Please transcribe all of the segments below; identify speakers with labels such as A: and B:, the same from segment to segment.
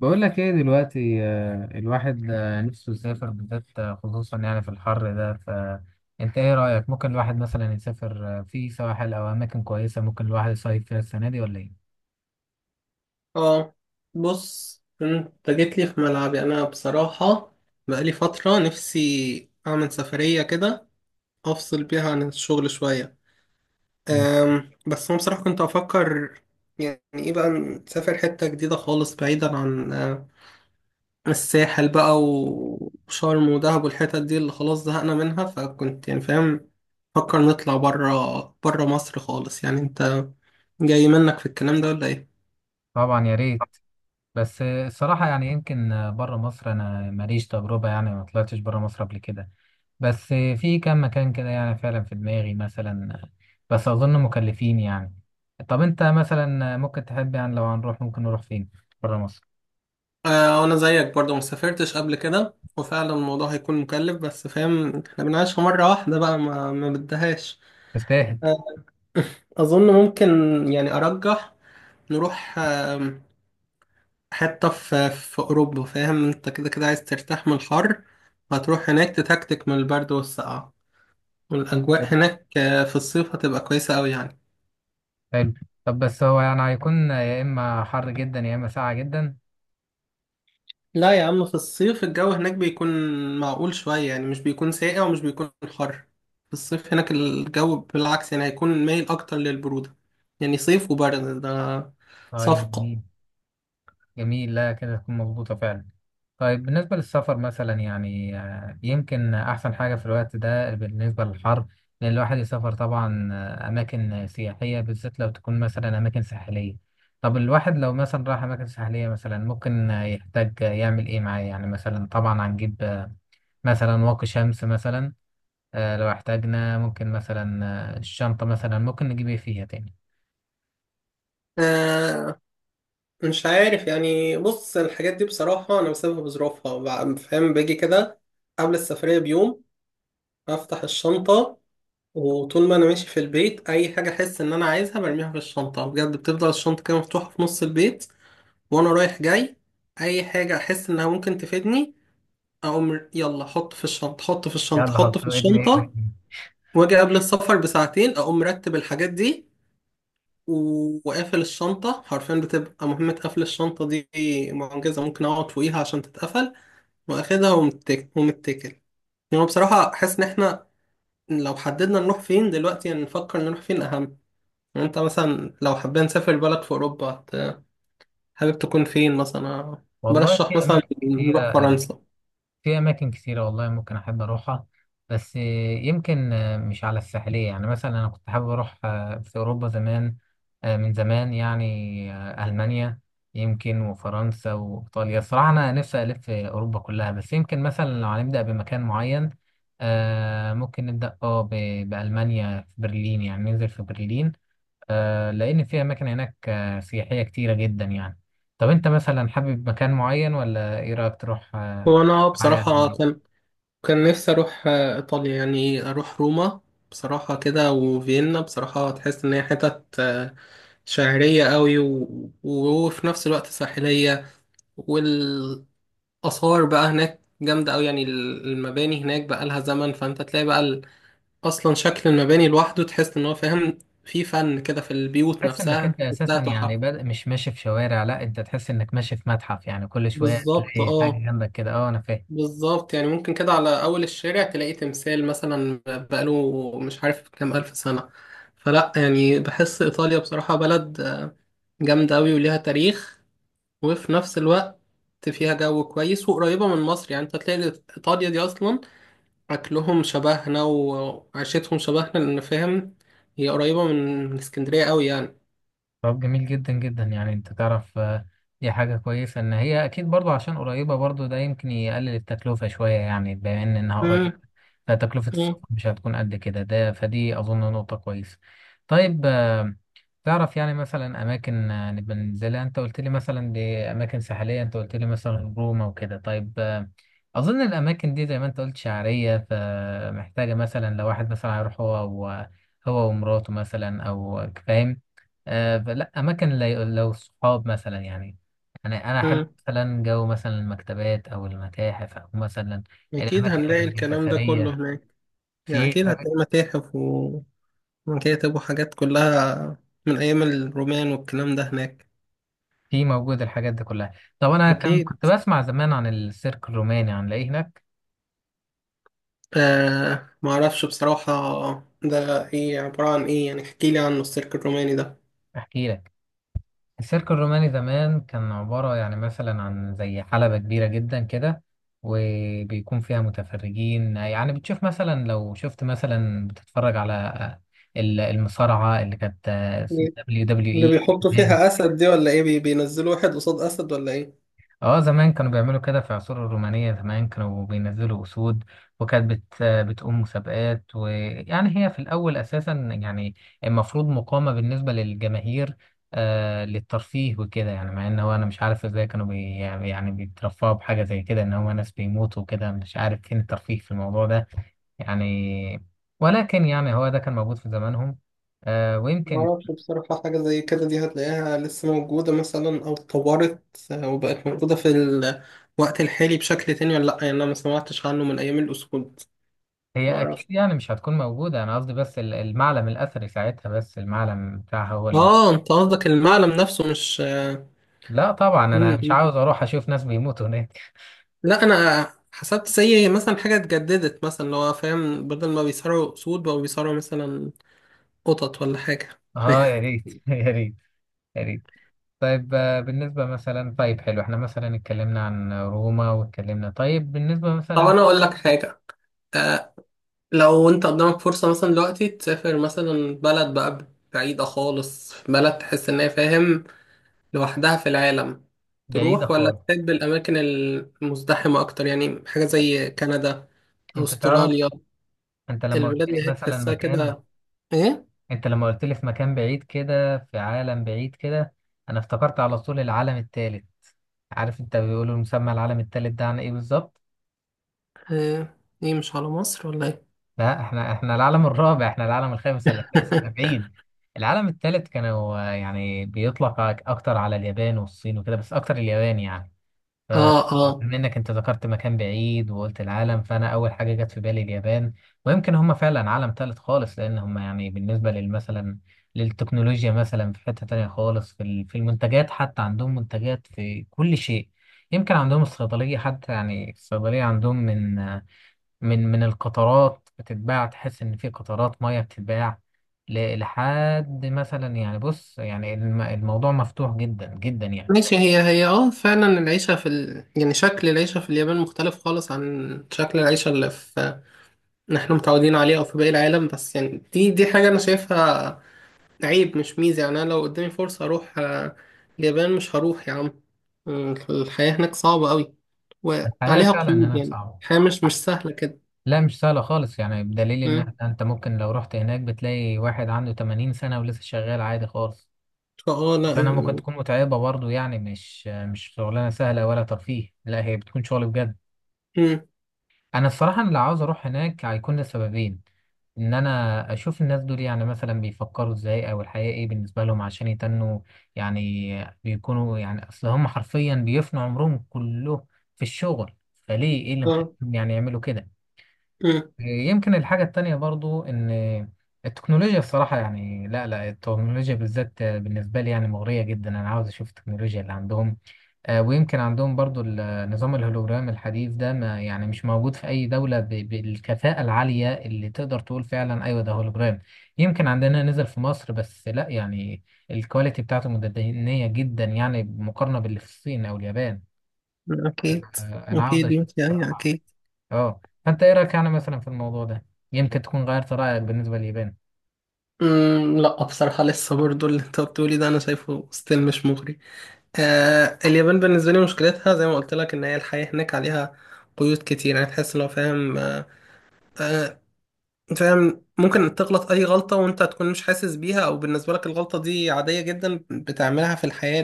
A: بقول لك ايه دلوقتي الواحد نفسه يسافر بالذات خصوصا يعني في الحر ده. فانت ايه رأيك؟ ممكن الواحد مثلا يسافر في سواحل او اماكن كويسة ممكن الواحد يصيف فيها السنة دي ولا ايه؟
B: اه. بص انت جيت لي في ملعبي انا بصراحة. بقالي فترة نفسي اعمل سفرية كده افصل بيها عن الشغل شوية.
A: يم-
B: بس انا بصراحة كنت افكر، يعني ايه بقى نسافر حتة جديدة خالص بعيدا عن الساحل بقى وشرم ودهب والحتت دي اللي خلاص زهقنا منها، فكنت يعني فاهم فكر نطلع برا برا مصر خالص. يعني انت جاي منك في الكلام ده ولا ايه؟
A: طبعا يا ريت. بس الصراحة يعني يمكن بره مصر انا ماليش تجربة، يعني ما طلعتش بره مصر قبل كده. بس في كام مكان كده يعني فعلا في دماغي مثلا بس اظن مكلفين يعني. طب انت مثلا ممكن تحب يعني لو هنروح ممكن نروح فين بره مصر؟
B: انا زيك برضو ما سافرتش قبل كده، وفعلا الموضوع هيكون مكلف، بس فاهم احنا بنعيشها مرة واحدة بقى، ما بدهاش.
A: تستاهل.
B: آه، اظن ممكن، يعني ارجح نروح حتة في اوروبا. فاهم انت كده كده عايز ترتاح من الحر، هتروح هناك تتكتك من البرد والسقعة، والاجواء هناك في الصيف هتبقى كويسة قوي يعني.
A: حلو. طب بس هو يعني هيكون يا إما حر جدا يا إما ساقع جدا.
B: لا يا عم، في الصيف الجو هناك بيكون معقول شوية، يعني مش بيكون ساقع ومش بيكون حر. في الصيف هناك الجو بالعكس يعني هيكون مايل أكتر للبرودة. يعني صيف وبرد، ده
A: طيب
B: صفقة.
A: جميل. جميل، لا كده تكون مظبوطة فعلا. طيب بالنسبة للسفر مثلا يعني يمكن أحسن حاجة في الوقت ده بالنسبة للحر إن الواحد يسافر طبعا أماكن سياحية، بالذات لو تكون مثلا أماكن ساحلية. طب الواحد لو مثلا راح أماكن ساحلية مثلا ممكن يحتاج يعمل إيه معاه؟ يعني مثلا طبعا هنجيب مثلا واقي شمس مثلا. لو احتاجنا ممكن مثلا الشنطة مثلا ممكن نجيب ايه فيها تاني؟
B: آه مش عارف يعني، بص الحاجات دي بصراحة أنا بسيبها بظروفها. فاهم، باجي كده قبل السفرية بيوم أفتح الشنطة، وطول ما أنا ماشي في البيت أي حاجة أحس إن أنا عايزها برميها في الشنطة. بجد بتفضل الشنطة كده مفتوحة في نص البيت، وانا رايح جاي اي حاجه احس انها ممكن تفيدني اقوم يلا حط في الشنطه، حط في الشنطه،
A: يلا
B: حط
A: حط
B: في
A: ارمي
B: الشنطه.
A: ارمي.
B: واجي قبل السفر بساعتين اقوم مرتب الحاجات دي، وقافل الشنطه. حرفيا بتبقى مهمه قفل الشنطه دي معجزه، ممكن اقعد فوقيها عشان تتقفل، واخدها ومتكل ومتكل. يعني بصراحه احس ان احنا لو حددنا نروح فين دلوقتي، يعني نفكر نروح فين اهم. يعني انت مثلا لو حابين نسافر بلد في اوروبا، حابب تكون فين مثلا؟
A: والله
B: برشح
A: في
B: مثلا
A: أماكن
B: نروح
A: كتيرة.
B: فرنسا.
A: في أماكن كتيرة والله ممكن أحب أروحها. بس يمكن مش على الساحلية، يعني مثلا أنا كنت حابب أروح في أوروبا زمان. من زمان يعني ألمانيا يمكن وفرنسا وإيطاليا. صراحة أنا نفسي ألف في أوروبا كلها، بس يمكن مثلا لو هنبدأ بمكان معين ممكن نبدأ بألمانيا، في برلين، يعني ننزل في برلين. لأن في أماكن هناك سياحية كتيرة جدا يعني. طب أنت مثلا حابب مكان معين ولا إيه رأيك تروح
B: هو انا
A: معايا
B: بصراحة
A: يعني؟
B: كان نفسي اروح ايطاليا، يعني اروح روما بصراحة كده وفيينا. بصراحة تحس ان هي حتت شعرية قوي و... وفي نفس الوقت ساحلية، والآثار بقى هناك جامدة قوي. يعني المباني هناك بقى لها زمن، فانت تلاقي بقى اصلا شكل المباني لوحده تحس ان هو فاهم في فن كده، في البيوت
A: تحس إنك
B: نفسها
A: أنت
B: تحسها
A: أساسا
B: تحف.
A: يعني بادئ مش ماشي في شوارع، لا أنت تحس إنك ماشي في متحف. يعني كل شوية
B: بالظبط،
A: تلاقي حاجة
B: اه
A: جنبك كده. أه أنا فاهم.
B: بالظبط. يعني ممكن كده على أول الشارع تلاقي تمثال مثلا بقاله مش عارف كام ألف سنة. فلا يعني بحس إيطاليا بصراحة بلد جامدة أوي وليها تاريخ، وفي نفس الوقت فيها جو كويس وقريبة من مصر. يعني أنت هتلاقي إيطاليا دي أصلا أكلهم شبهنا وعيشتهم شبهنا، لأن فاهم هي قريبة من اسكندرية أوي يعني.
A: طب جميل جدا جدا. يعني أنت تعرف دي حاجة كويسة إن هي أكيد برضو عشان قريبة. برضو ده يمكن يقلل التكلفة شوية، يعني بما إن إنها قريبة
B: مم.
A: فتكلفة
B: مم.
A: السفر مش هتكون قد كده. ده فدي أظن نقطة كويسة. طيب تعرف يعني مثلا اماكن نبقى ننزلها؟ انت قلت لي مثلا دي اماكن ساحليه، انت قلت لي مثلا روما وكده. طيب اظن الاماكن دي زي ما انت قلت شعريه، فمحتاجه مثلا لو واحد مثلا هيروح هو ومراته مثلا او فاهم فلا اماكن لو صحاب مثلا يعني. انا احب
B: مم.
A: مثلا جو مثلا المكتبات او المتاحف او مثلا
B: أكيد
A: الاماكن
B: هنلاقي الكلام ده كله
A: الاثريه.
B: هناك. يعني
A: في
B: أكيد هتلاقي متاحف كتبوا حاجات كلها من أيام الرومان والكلام ده هناك.
A: في موجود الحاجات دي كلها. طب انا كان
B: أكيد.
A: كنت بسمع زمان عن السيرك الروماني، عن ايه هناك؟
B: معرفش بصراحة، ده إيه عبارة عن إيه؟ يعني احكيلي عن السيرك الروماني ده.
A: احكي لك. السيرك الروماني زمان كان عبارة يعني مثلا عن زي حلبة كبيرة جدا كده وبيكون فيها متفرجين. يعني بتشوف مثلا، لو شفت مثلا، بتتفرج على المصارعة اللي كانت دبليو دبليو.
B: اللي
A: اي،
B: بيحطوا فيها أسد دي ولا إيه؟ بينزلوا واحد قصاد أسد ولا إيه؟
A: اه، زمان كانوا بيعملوا كده في العصور الرومانية. زمان كانوا بينزلوا أسود وكانت بتقوم مسابقات. ويعني هي في الأول أساسا يعني المفروض مقامة بالنسبة للجماهير للترفيه وكده. يعني مع إن هو أنا مش عارف إزاي كانوا يعني بيترفعوا بحاجة زي كده، إن هو ناس بيموتوا وكده. مش عارف فين الترفيه في الموضوع ده يعني. ولكن يعني هو ده كان موجود في زمانهم. ويمكن
B: معرفش بصراحة، حاجة زي كده دي هتلاقيها لسه موجودة مثلا أو اتطورت وبقت موجودة في الوقت الحالي بشكل تاني ولا لأ؟ يعني أنا ما سمعتش عنه من أيام الأسود.
A: هي اكيد
B: معرفش.
A: يعني مش هتكون موجوده. انا قصدي بس المعلم الاثري ساعتها، بس المعلم بتاعها هو اللي موجود.
B: أنت قصدك المعلم نفسه مش
A: لا طبعا انا مش
B: مم.
A: عاوز اروح اشوف ناس بيموتوا هناك.
B: لا انا حسبت زي مثلا حاجه اتجددت مثلا، اللي هو فاهم بدل ما بيصارعوا اسود بقوا بيصارعوا مثلا قطط ولا حاجه.
A: اه يا ريت يا ريت يا ريت. طيب بالنسبه مثلا، طيب حلو احنا مثلا اتكلمنا عن روما، واتكلمنا طيب بالنسبه
B: طب
A: مثلا.
B: انا اقول لك حاجه، آه، لو انت قدامك فرصه مثلا دلوقتي تسافر مثلا بلد بقى بعيده خالص، بلد تحس ان هي فاهم لوحدها في العالم،
A: بعيده
B: تروح ولا
A: خالص.
B: تحب الاماكن المزدحمه اكتر؟ يعني حاجه زي كندا،
A: انت تعرف،
B: استراليا،
A: انت لما قلت
B: البلاد
A: لي
B: اللي هي
A: مثلا
B: تحسها
A: مكان،
B: كده ايه.
A: انت لما قلت لي في مكان بعيد كده، في عالم بعيد كده، انا افتكرت على طول العالم الثالث. عارف انت بيقولوا مسمى العالم الثالث ده عن ايه بالظبط؟
B: آه، ايه مش على مصر ولا ايه؟
A: لا، احنا العالم الرابع، احنا العالم الخامس ولا السادس، احنا بعيد. العالم الثالث كانوا يعني بيطلق اكتر على اليابان والصين وكده، بس اكتر اليابان يعني.
B: اه اه،
A: فبما انك انت ذكرت مكان بعيد وقلت العالم، فانا اول حاجه جت في بالي اليابان. ويمكن هم فعلا عالم ثالث خالص، لان هم يعني بالنسبه للمثلا للتكنولوجيا مثلا في حته تانية خالص. في في المنتجات حتى، عندهم منتجات في كل شيء. يمكن عندهم الصيدليه حتى، يعني الصيدليه عندهم من من القطرات بتتباع، تحس ان في قطرات ميه بتتباع لحد مثلا. يعني بص يعني الموضوع مفتوح جدا جدا يعني.
B: ماشي. هي فعلا العيشة في يعني شكل العيشة في اليابان مختلف خالص عن شكل العيشة اللي احنا متعودين عليه او في باقي العالم، بس يعني دي حاجة انا شايفها عيب مش ميزة. يعني انا لو قدامي فرصة اروح اليابان، مش هروح يا عم. الحياة هناك صعبة قوي
A: الحياه
B: وعليها
A: فعلا
B: قيود،
A: هناك
B: يعني
A: صعبه.
B: الحياة مش سهلة كده.
A: لا مش سهله خالص، يعني بدليل
B: مم.
A: انت ممكن لو رحت هناك بتلاقي واحد عنده 80 سنه ولسه شغال عادي خالص.
B: لا
A: لانها ممكن
B: يعني.
A: تكون متعبه برضو، يعني مش شغلانه سهله ولا ترفيه. لا هي بتكون شغل بجد.
B: مم.
A: انا الصراحه أنا اللي عاوز اروح هناك هيكون لسببين. ان انا اشوف الناس دول، يعني مثلا بيفكروا ازاي، او الحياه ايه بالنسبه لهم، عشان يتنوا يعني بيكونوا يعني اصل هم حرفيا بيفنوا عمرهم كله في الشغل. فليه ايه اللي
B: اه.
A: مخليهم يعني يعملوا كده؟
B: مم.
A: يمكن الحاجه التانية برضو ان التكنولوجيا، الصراحه يعني، لا لا، التكنولوجيا بالذات بالنسبه لي يعني مغريه جدا. انا عاوز اشوف التكنولوجيا اللي عندهم. ويمكن عندهم برضو النظام الهولوجرام الحديث ده، ما يعني مش موجود في أي دولة بالكفاءة العالية اللي تقدر تقول فعلا أيوة ده هولوجرام. يمكن عندنا نزل في مصر بس لا، يعني الكواليتي بتاعته متدنية جدا يعني مقارنة باللي في الصين أو اليابان.
B: اكيد،
A: أنا عاوز
B: اكيد
A: أشوف
B: ماشي، ايوه
A: الصراحة.
B: اكيد.
A: أه فأنت إيه رأيك يعني مثلا في الموضوع ده؟ يمكن تكون غيرت رأيك بالنسبة لليابان.
B: مم، لا بصراحة لسه برضو اللي انت بتقولي ده انا شايفه ستيل مش مغري. اليابان بالنسبة لي مشكلتها زي ما قلت لك ان هي الحياة هناك عليها قيود كتير. يعني تحس لو فاهم، آه فاهم ممكن تغلط اي غلطة وانت تكون مش حاسس بيها، او بالنسبة لك الغلطة دي عادية جدا بتعملها في الحياة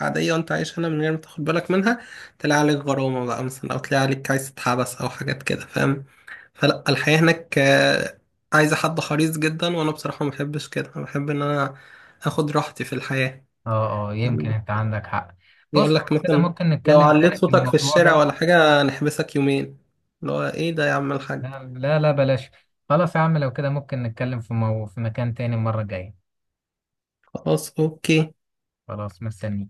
B: العادية وانت عايش هنا من غير ما تاخد بالك منها، تلاقي عليك غرامة بقى مثلا، او تلاقي عليك عايز تتحبس او حاجات كده فاهم. فلا الحياة هناك عايزة حد حريص جدا، وأنا بصراحة ما بحبش كده، أنا بحب إن أنا آخد راحتي في الحياة.
A: أه أه يمكن
B: يعني
A: أنت عندك حق. بص
B: يقول لك
A: لو كده
B: مثلا
A: ممكن
B: لو
A: نتكلم
B: عليت
A: تاني في
B: صوتك في
A: الموضوع
B: الشارع
A: ده.
B: ولا حاجة نحبسك يومين، اللي هو إيه ده يا عم الحاج.
A: نعم، لا لا بلاش. خلاص يا عم، لو كده ممكن نتكلم في في مكان تاني المرة الجاية.
B: خلاص أوكي.
A: خلاص مستني.